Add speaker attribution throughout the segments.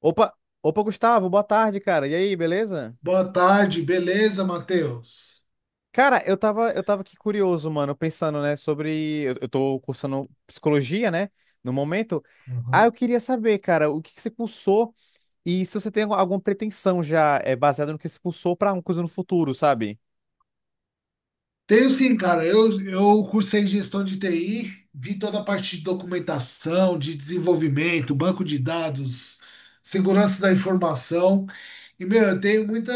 Speaker 1: Opa, opa, Gustavo, boa tarde, cara. E aí, beleza?
Speaker 2: Boa tarde, beleza, Matheus?
Speaker 1: Cara, eu tava aqui curioso, mano, pensando, né, sobre. Eu tô cursando psicologia, né, no momento. Ah, eu
Speaker 2: Uhum.
Speaker 1: queria saber, cara, o que que você cursou e se você tem alguma pretensão já baseada no que você cursou pra uma coisa no futuro, sabe?
Speaker 2: Tenho sim, cara. Eu cursei gestão de TI, vi toda a parte de documentação, de desenvolvimento, banco de dados, segurança da informação. E, meu, eu tenho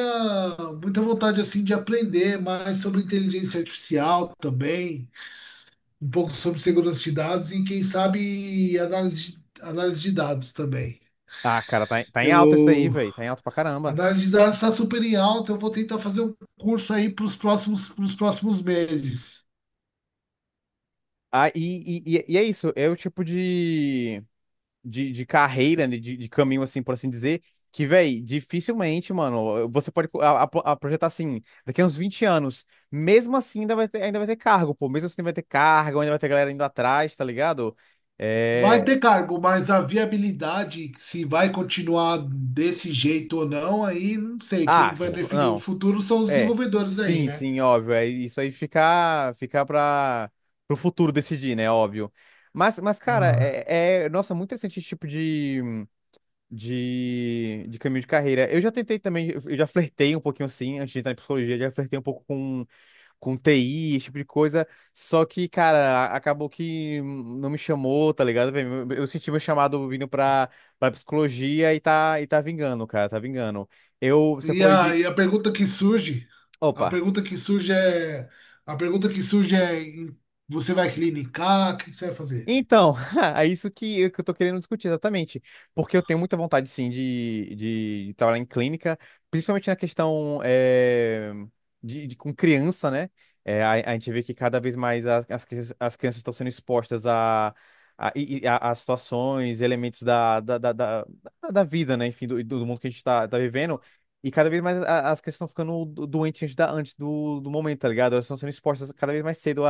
Speaker 2: muita vontade, assim, de aprender mais sobre inteligência artificial também, um pouco sobre segurança de dados e, quem sabe, análise de dados também.
Speaker 1: Ah, cara, tá, tá em alta isso daí,
Speaker 2: Eu
Speaker 1: velho. Tá em alta pra
Speaker 2: A
Speaker 1: caramba.
Speaker 2: análise de dados está super em alta. Eu vou tentar fazer um curso aí para pros próximos meses.
Speaker 1: Ah, e é isso, é o tipo de. De carreira, né, de caminho, assim, por assim dizer, que, véi, dificilmente, mano, você pode a projetar assim, daqui a uns 20 anos, mesmo assim ainda vai ter cargo, pô, mesmo assim ainda vai ter cargo, ainda vai ter galera indo atrás, tá ligado?
Speaker 2: Vai
Speaker 1: É...
Speaker 2: ter cargo, mas a viabilidade, se vai continuar desse jeito ou não, aí não sei.
Speaker 1: Ah,
Speaker 2: Quem vai definir o
Speaker 1: não,
Speaker 2: futuro são os
Speaker 1: é,
Speaker 2: desenvolvedores aí,
Speaker 1: sim,
Speaker 2: né?
Speaker 1: sim, óbvio, é isso aí ficar pra, pro futuro decidir, né, óbvio. Mas cara,
Speaker 2: Ah.
Speaker 1: é, nossa, muito interessante esse tipo de caminho de carreira. Eu já tentei também, eu já flertei um pouquinho assim, antes de entrar em psicologia, já flertei um pouco com TI, esse tipo de coisa. Só que, cara, acabou que não me chamou, tá ligado, velho? Eu senti meu chamado vindo pra, pra psicologia e tá vingando, cara, tá vingando. Eu, você
Speaker 2: E
Speaker 1: falou aí de.
Speaker 2: a, e a pergunta que a
Speaker 1: Opa!
Speaker 2: pergunta que surge é, a pergunta que surge é, você vai clinicar? O que você vai fazer?
Speaker 1: Então, é isso que, que eu tô querendo discutir exatamente. Porque eu tenho muita vontade, sim, de trabalhar em clínica, principalmente na questão de, com criança, né? A gente vê que cada vez mais as crianças estão sendo expostas a, a situações, elementos da vida, né? Enfim, do, do mundo que a gente tá, tá vivendo. E cada vez mais as crianças estão ficando doentes antes, antes do, do momento, tá ligado? Elas estão sendo expostas cada vez mais cedo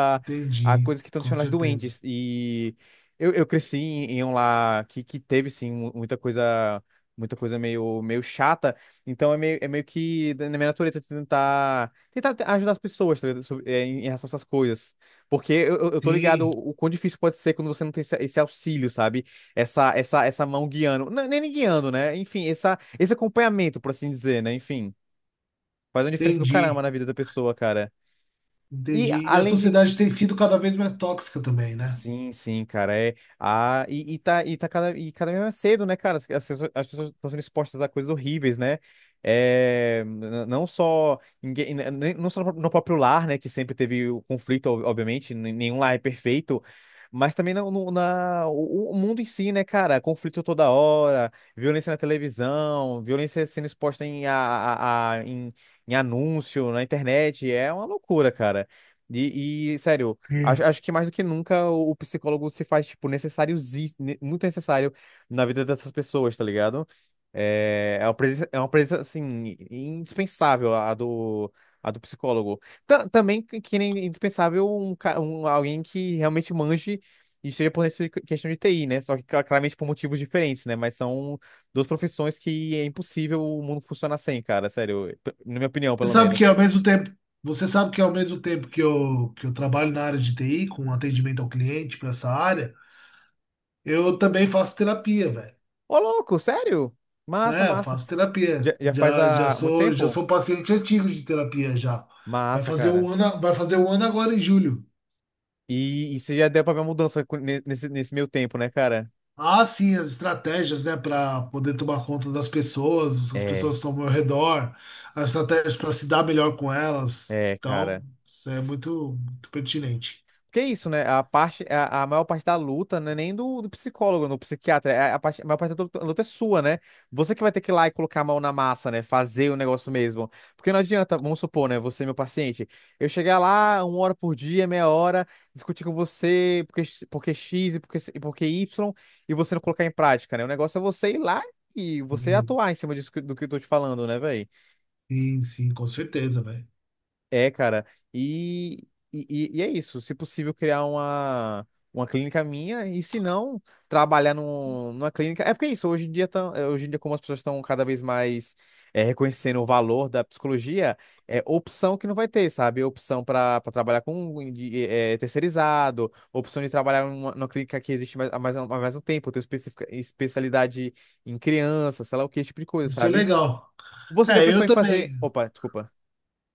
Speaker 1: a
Speaker 2: Entendi,
Speaker 1: coisas que estão
Speaker 2: com
Speaker 1: deixando elas
Speaker 2: certeza.
Speaker 1: doentes. E eu cresci em, em um lar que teve, sim, muita coisa meio, meio chata. Então é meio que na minha natureza tentar, tentar ajudar as pessoas, tá ligado? Em em relação a essas coisas. Porque eu tô ligado
Speaker 2: Sim,
Speaker 1: o quão difícil pode ser quando você não tem esse, esse auxílio, sabe? Essa mão guiando. Não, nem guiando, né? Enfim, essa, esse acompanhamento, por assim dizer, né? Enfim, faz uma diferença do caramba
Speaker 2: entendi.
Speaker 1: na vida da pessoa, cara. E
Speaker 2: Entendi. E a
Speaker 1: além de,
Speaker 2: sociedade tem sido cada vez mais tóxica também, né?
Speaker 1: sim, sim, cara. Tá cada, e cada vez mais cedo, né, cara? As, as pessoas estão sendo expostas a coisas horríveis, né? É, não só, ninguém, n- nem- não só no próprio lar, né? Que sempre teve o conflito, obviamente, nenhum lar é perfeito, mas também na, no- na, o mundo em si, né, cara? Conflito toda hora, violência na televisão, violência sendo exposta em anúncio, na internet. É uma loucura, cara. Sério. Acho,
Speaker 2: Hum.
Speaker 1: acho que mais do que nunca o psicólogo se faz, tipo, necessário, muito necessário na vida dessas pessoas, tá ligado? É, é uma presença, assim, indispensável a do psicólogo. Também que nem indispensável alguém que realmente manje e esteja por dentro de questão de TI, né? Só que claramente por motivos diferentes, né? Mas são duas profissões que é impossível o mundo funcionar sem, cara, sério. Na minha opinião,
Speaker 2: Você
Speaker 1: pelo
Speaker 2: sabe que ao
Speaker 1: menos.
Speaker 2: mesmo tempo, Você sabe que ao mesmo tempo que eu trabalho na área de TI, com atendimento ao cliente para essa área, eu também faço terapia, velho.
Speaker 1: Ô, louco, sério? Massa,
Speaker 2: É,
Speaker 1: massa.
Speaker 2: faço terapia.
Speaker 1: Já, já faz
Speaker 2: Já, já
Speaker 1: há muito
Speaker 2: sou, já
Speaker 1: tempo?
Speaker 2: sou paciente antigo de terapia já.
Speaker 1: Massa, cara.
Speaker 2: Vai fazer um ano agora em julho.
Speaker 1: E você já deu pra ver a mudança nesse, nesse meio tempo, né, cara?
Speaker 2: Ah, sim, as estratégias, né, para poder tomar conta das pessoas, as pessoas
Speaker 1: É,
Speaker 2: que estão ao meu redor, as estratégias para se dar melhor com elas.
Speaker 1: é,
Speaker 2: Então,
Speaker 1: cara.
Speaker 2: isso é muito, muito pertinente.
Speaker 1: Porque é isso, né? A parte, a maior parte da luta não é nem do, do psicólogo, do psiquiatra. É A, a parte, a maior parte da luta, luta é sua, né? Você que vai ter que ir lá e colocar a mão na massa, né? Fazer o negócio mesmo. Porque não adianta, vamos supor, né? Você, meu paciente, eu chegar lá uma hora por dia, meia hora, discutir com você porque, porque X e porque Y, e você não colocar em prática, né? O negócio é você ir lá e você
Speaker 2: Sim,
Speaker 1: atuar em cima disso do que eu tô te falando, né, velho?
Speaker 2: sim, sim, com certeza, velho.
Speaker 1: É, cara, e, e, e é isso. Se possível, criar uma clínica minha, e se não, trabalhar num, numa clínica. É porque é isso, hoje em dia, hoje em dia, como as pessoas estão cada vez mais reconhecendo o valor da psicologia, é opção que não vai ter, sabe? Opção para trabalhar com de, terceirizado, opção de trabalhar numa, numa clínica que existe mais, há mais, há mais um tempo, ter especialidade em criança, sei lá o que, esse tipo de coisa,
Speaker 2: Isso é
Speaker 1: sabe?
Speaker 2: legal.
Speaker 1: Você já
Speaker 2: É, eu
Speaker 1: pensou em fazer.
Speaker 2: também.
Speaker 1: Opa, desculpa.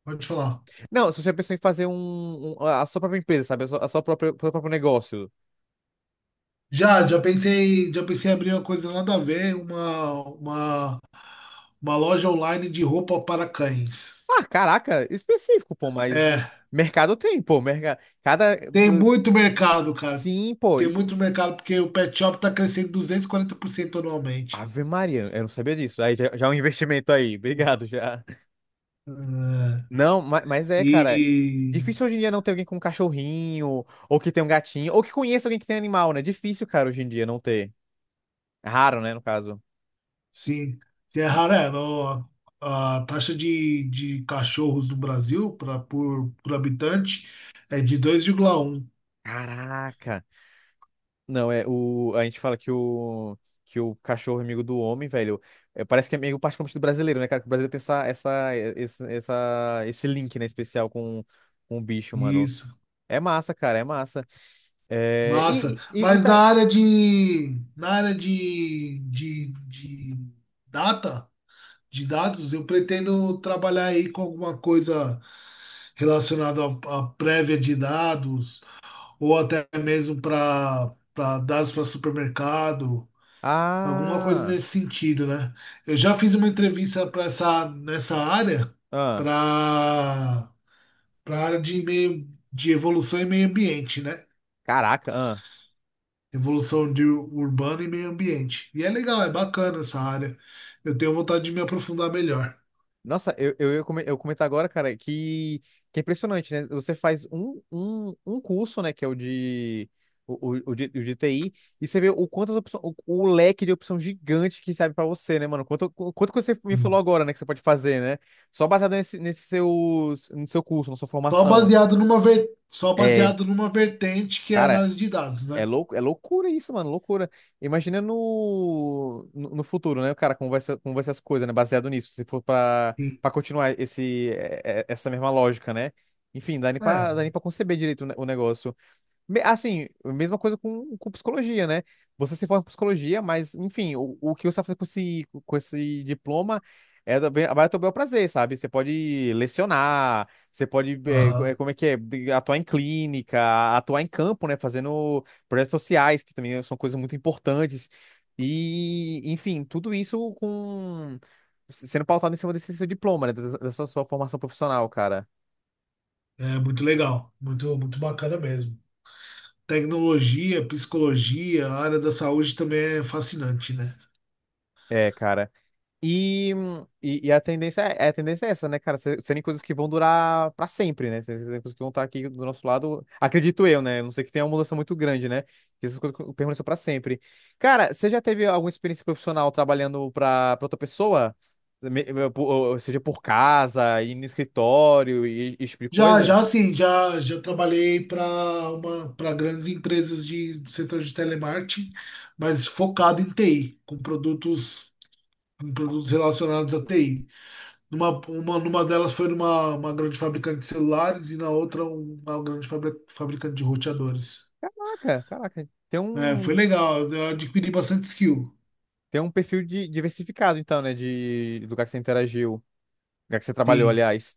Speaker 2: Pode falar.
Speaker 1: Não, você já pensou em fazer a sua própria empresa, sabe? A sua própria, o seu próprio negócio.
Speaker 2: Já pensei em abrir uma coisa nada a ver, uma loja online de roupa para cães.
Speaker 1: Ah, caraca, específico, pô, mas
Speaker 2: É.
Speaker 1: mercado tem, pô, mercado. Cada.
Speaker 2: Tem muito mercado, cara.
Speaker 1: Sim, pô,
Speaker 2: Tem
Speaker 1: e.
Speaker 2: muito mercado, porque o pet shop está crescendo 240% anualmente.
Speaker 1: Ave Maria, eu não sabia disso. Aí já, já é um investimento aí, obrigado já.
Speaker 2: É,
Speaker 1: Não, mas, é, cara.
Speaker 2: e,
Speaker 1: Difícil hoje em dia não ter alguém com um cachorrinho, ou que tem um gatinho, ou que conheça alguém que tem animal, né? Difícil, cara, hoje em dia não ter. É raro, né, no caso.
Speaker 2: sim, se é raro, é, a taxa de cachorros no Brasil por habitante é de 2,1.
Speaker 1: Caraca. Não, é o. A gente fala que o. Que o cachorro é amigo do homem, velho. É, parece que é meio particularmente do brasileiro, né, cara? Que o brasileiro tem essa, essa, esse link, né, especial com o bicho, mano.
Speaker 2: Isso,
Speaker 1: É massa, cara, é massa. É,
Speaker 2: massa.
Speaker 1: e
Speaker 2: Mas na
Speaker 1: tá.
Speaker 2: área data, de dados, eu pretendo trabalhar aí com alguma coisa relacionada à prévia de dados, ou até mesmo para dados para supermercado, alguma coisa
Speaker 1: Ah!
Speaker 2: nesse sentido, né? Eu já fiz uma entrevista para essa nessa área,
Speaker 1: Ah!
Speaker 2: para para área de evolução e meio ambiente, né?
Speaker 1: Caraca, ah.
Speaker 2: Evolução de urbana e meio ambiente. E é legal, é bacana essa área. Eu tenho vontade de me aprofundar melhor.
Speaker 1: Nossa, eu comentar agora, cara, que é impressionante, né? Você faz um, um, um curso, né, que é o de, o de TI, e você vê o quantas opções, o leque de opção gigante que serve pra você, né, mano? Quanto, quanto que você me falou agora, né, que você pode fazer, né? Só baseado nesse, nesse seu, no seu curso, na sua formação.
Speaker 2: Só
Speaker 1: É,
Speaker 2: baseado numa vertente que é a
Speaker 1: cara,
Speaker 2: análise de dados,
Speaker 1: é
Speaker 2: né?
Speaker 1: louco, é loucura isso, mano, loucura. Imagina no futuro, né, o cara, como vai ser as coisas, né, baseado nisso, se for pra,
Speaker 2: Sim.
Speaker 1: pra continuar esse, essa mesma lógica, né? Enfim, dá
Speaker 2: É,
Speaker 1: nem pra conceber direito o negócio. Assim, mesma coisa com psicologia, né? Você se forma em psicologia, mas, enfim, o que você vai fazer com esse diploma é vai ao teu bel prazer, sabe? Você pode lecionar, você pode,
Speaker 2: aham.
Speaker 1: como é que é, atuar em clínica, atuar em campo, né? Fazendo projetos sociais, que também são coisas muito importantes. E, enfim, tudo isso com sendo pautado em cima desse seu diploma, né? Da da sua sua formação profissional, cara.
Speaker 2: É muito legal, muito, muito bacana mesmo. Tecnologia, psicologia, a área da saúde também é fascinante, né?
Speaker 1: É, cara. E, e a tendência é essa, né, cara? Serem coisas que vão durar pra sempre, né? Serem coisas que vão estar aqui do nosso lado, acredito eu, né? A não sei que tenha uma mudança muito grande, né? Que essas coisas permaneçam pra sempre. Cara, você já teve alguma experiência profissional trabalhando pra, pra outra pessoa? Ou seja, por casa, ir no escritório e esse tipo de
Speaker 2: Já, já
Speaker 1: coisa?
Speaker 2: assim, já, já trabalhei para grandes empresas do setor de telemarketing, mas focado em TI, com produtos, relacionados à TI. Numa delas foi numa uma grande fabricante de celulares e na outra uma grande fabricante de roteadores.
Speaker 1: Caraca, caraca.
Speaker 2: É, foi legal, eu adquiri bastante skill.
Speaker 1: Tem um perfil de, diversificado, então, né? De, do lugar que você interagiu, lugar que você trabalhou,
Speaker 2: Sim,
Speaker 1: aliás.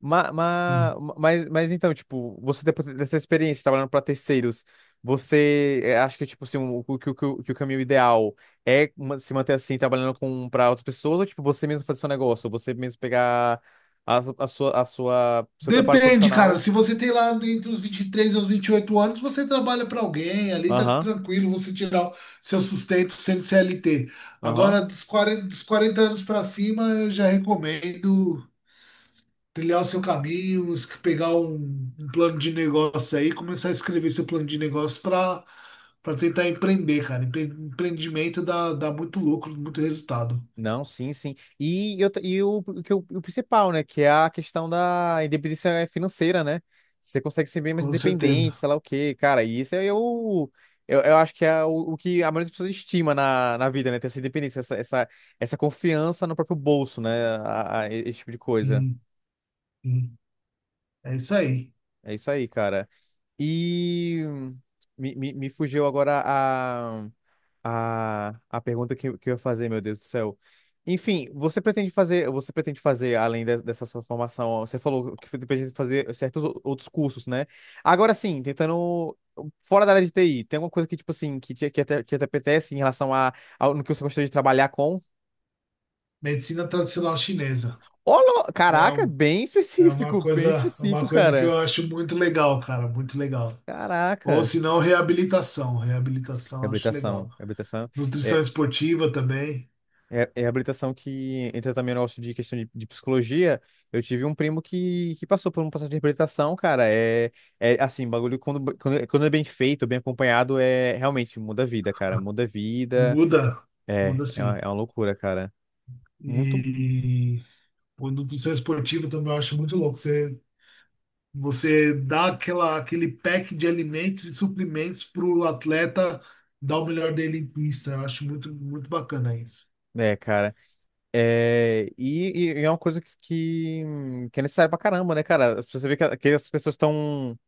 Speaker 1: Ma,
Speaker 2: sim.
Speaker 1: ma, mas, mas então, tipo, você depois dessa experiência trabalhando para terceiros, você acha que, tipo, assim, o, que, o, que o que o caminho ideal é se manter assim, trabalhando com para outras pessoas, ou, tipo, você mesmo fazer seu negócio, você mesmo pegar a, a sua, seu preparo
Speaker 2: Depende, cara.
Speaker 1: profissional?
Speaker 2: Se você tem lá entre os 23 e os 28 anos, você trabalha para alguém, ali tá
Speaker 1: Aham,
Speaker 2: tranquilo você tirar o seu sustento sendo CLT.
Speaker 1: aham.
Speaker 2: Agora, dos 40 anos para cima, eu já recomendo. Trilhar o seu caminho, pegar um plano de negócio aí, começar a escrever seu plano de negócio para tentar empreender, cara. Empreendimento dá muito lucro, muito resultado,
Speaker 1: Não, sim, sim. E, eu, e o, que o principal, né? Que é a questão da independência financeira, né? Você consegue ser bem mais
Speaker 2: com
Speaker 1: independente,
Speaker 2: certeza.
Speaker 1: sei lá o quê, cara. E isso é o. Eu acho que é o que a maioria das pessoas estima na, na vida, né? Ter essa independência, essa confiança no próprio bolso, né? Esse tipo de coisa.
Speaker 2: Sim, sim. É isso aí.
Speaker 1: É isso aí, cara. E me fugiu agora a pergunta que eu ia fazer, meu Deus do céu. Enfim, você pretende fazer, além dessa sua formação, você falou que pretende fazer certos outros cursos, né? Agora sim, tentando, fora da área de TI, tem alguma coisa que, tipo assim, que te, que te, que te apetece em relação a, ao no que você gostaria de trabalhar com?
Speaker 2: Medicina tradicional chinesa.
Speaker 1: Olô,
Speaker 2: É,
Speaker 1: caraca, bem
Speaker 2: é uma
Speaker 1: específico, bem
Speaker 2: coisa,
Speaker 1: específico,
Speaker 2: que
Speaker 1: cara.
Speaker 2: eu acho muito legal, cara, muito legal. Ou
Speaker 1: Caraca.
Speaker 2: se não, reabilitação. Reabilitação eu acho
Speaker 1: Reabilitação,
Speaker 2: legal.
Speaker 1: reabilitação.
Speaker 2: Nutrição esportiva também.
Speaker 1: É, é habilitação que entra também no negócio de questão de psicologia. Eu tive um primo que passou por um processo de reabilitação, cara. É, é assim, bagulho quando, quando, quando é bem feito, bem acompanhado, é realmente muda a vida, cara. Muda a vida.
Speaker 2: Muda,
Speaker 1: É,
Speaker 2: muda sim.
Speaker 1: é uma loucura, cara. Muito.
Speaker 2: E o nutrição esportiva também eu acho muito louco. Você dá aquele pack de alimentos e suplementos para o atleta dar o melhor dele em pista. Eu acho muito, muito bacana isso.
Speaker 1: É, cara. É, e é uma coisa que é necessária pra caramba, né, cara? As pessoas- Você vê que as pessoas estão.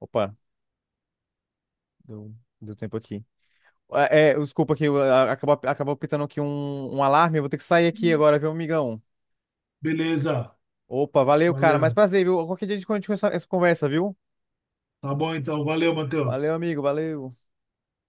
Speaker 1: Opa, deu, deu tempo aqui. É, é, desculpa aqui, acabou, acabou pitando aqui um, um alarme. Eu vou ter que sair aqui agora, viu, amigão?
Speaker 2: Beleza,
Speaker 1: Opa, valeu, cara. Mas
Speaker 2: valeu.
Speaker 1: prazer, viu? Qualquer dia a gente continua essa essa conversa, viu?
Speaker 2: Tá bom então, valeu, Matheus.
Speaker 1: Valeu, amigo, valeu.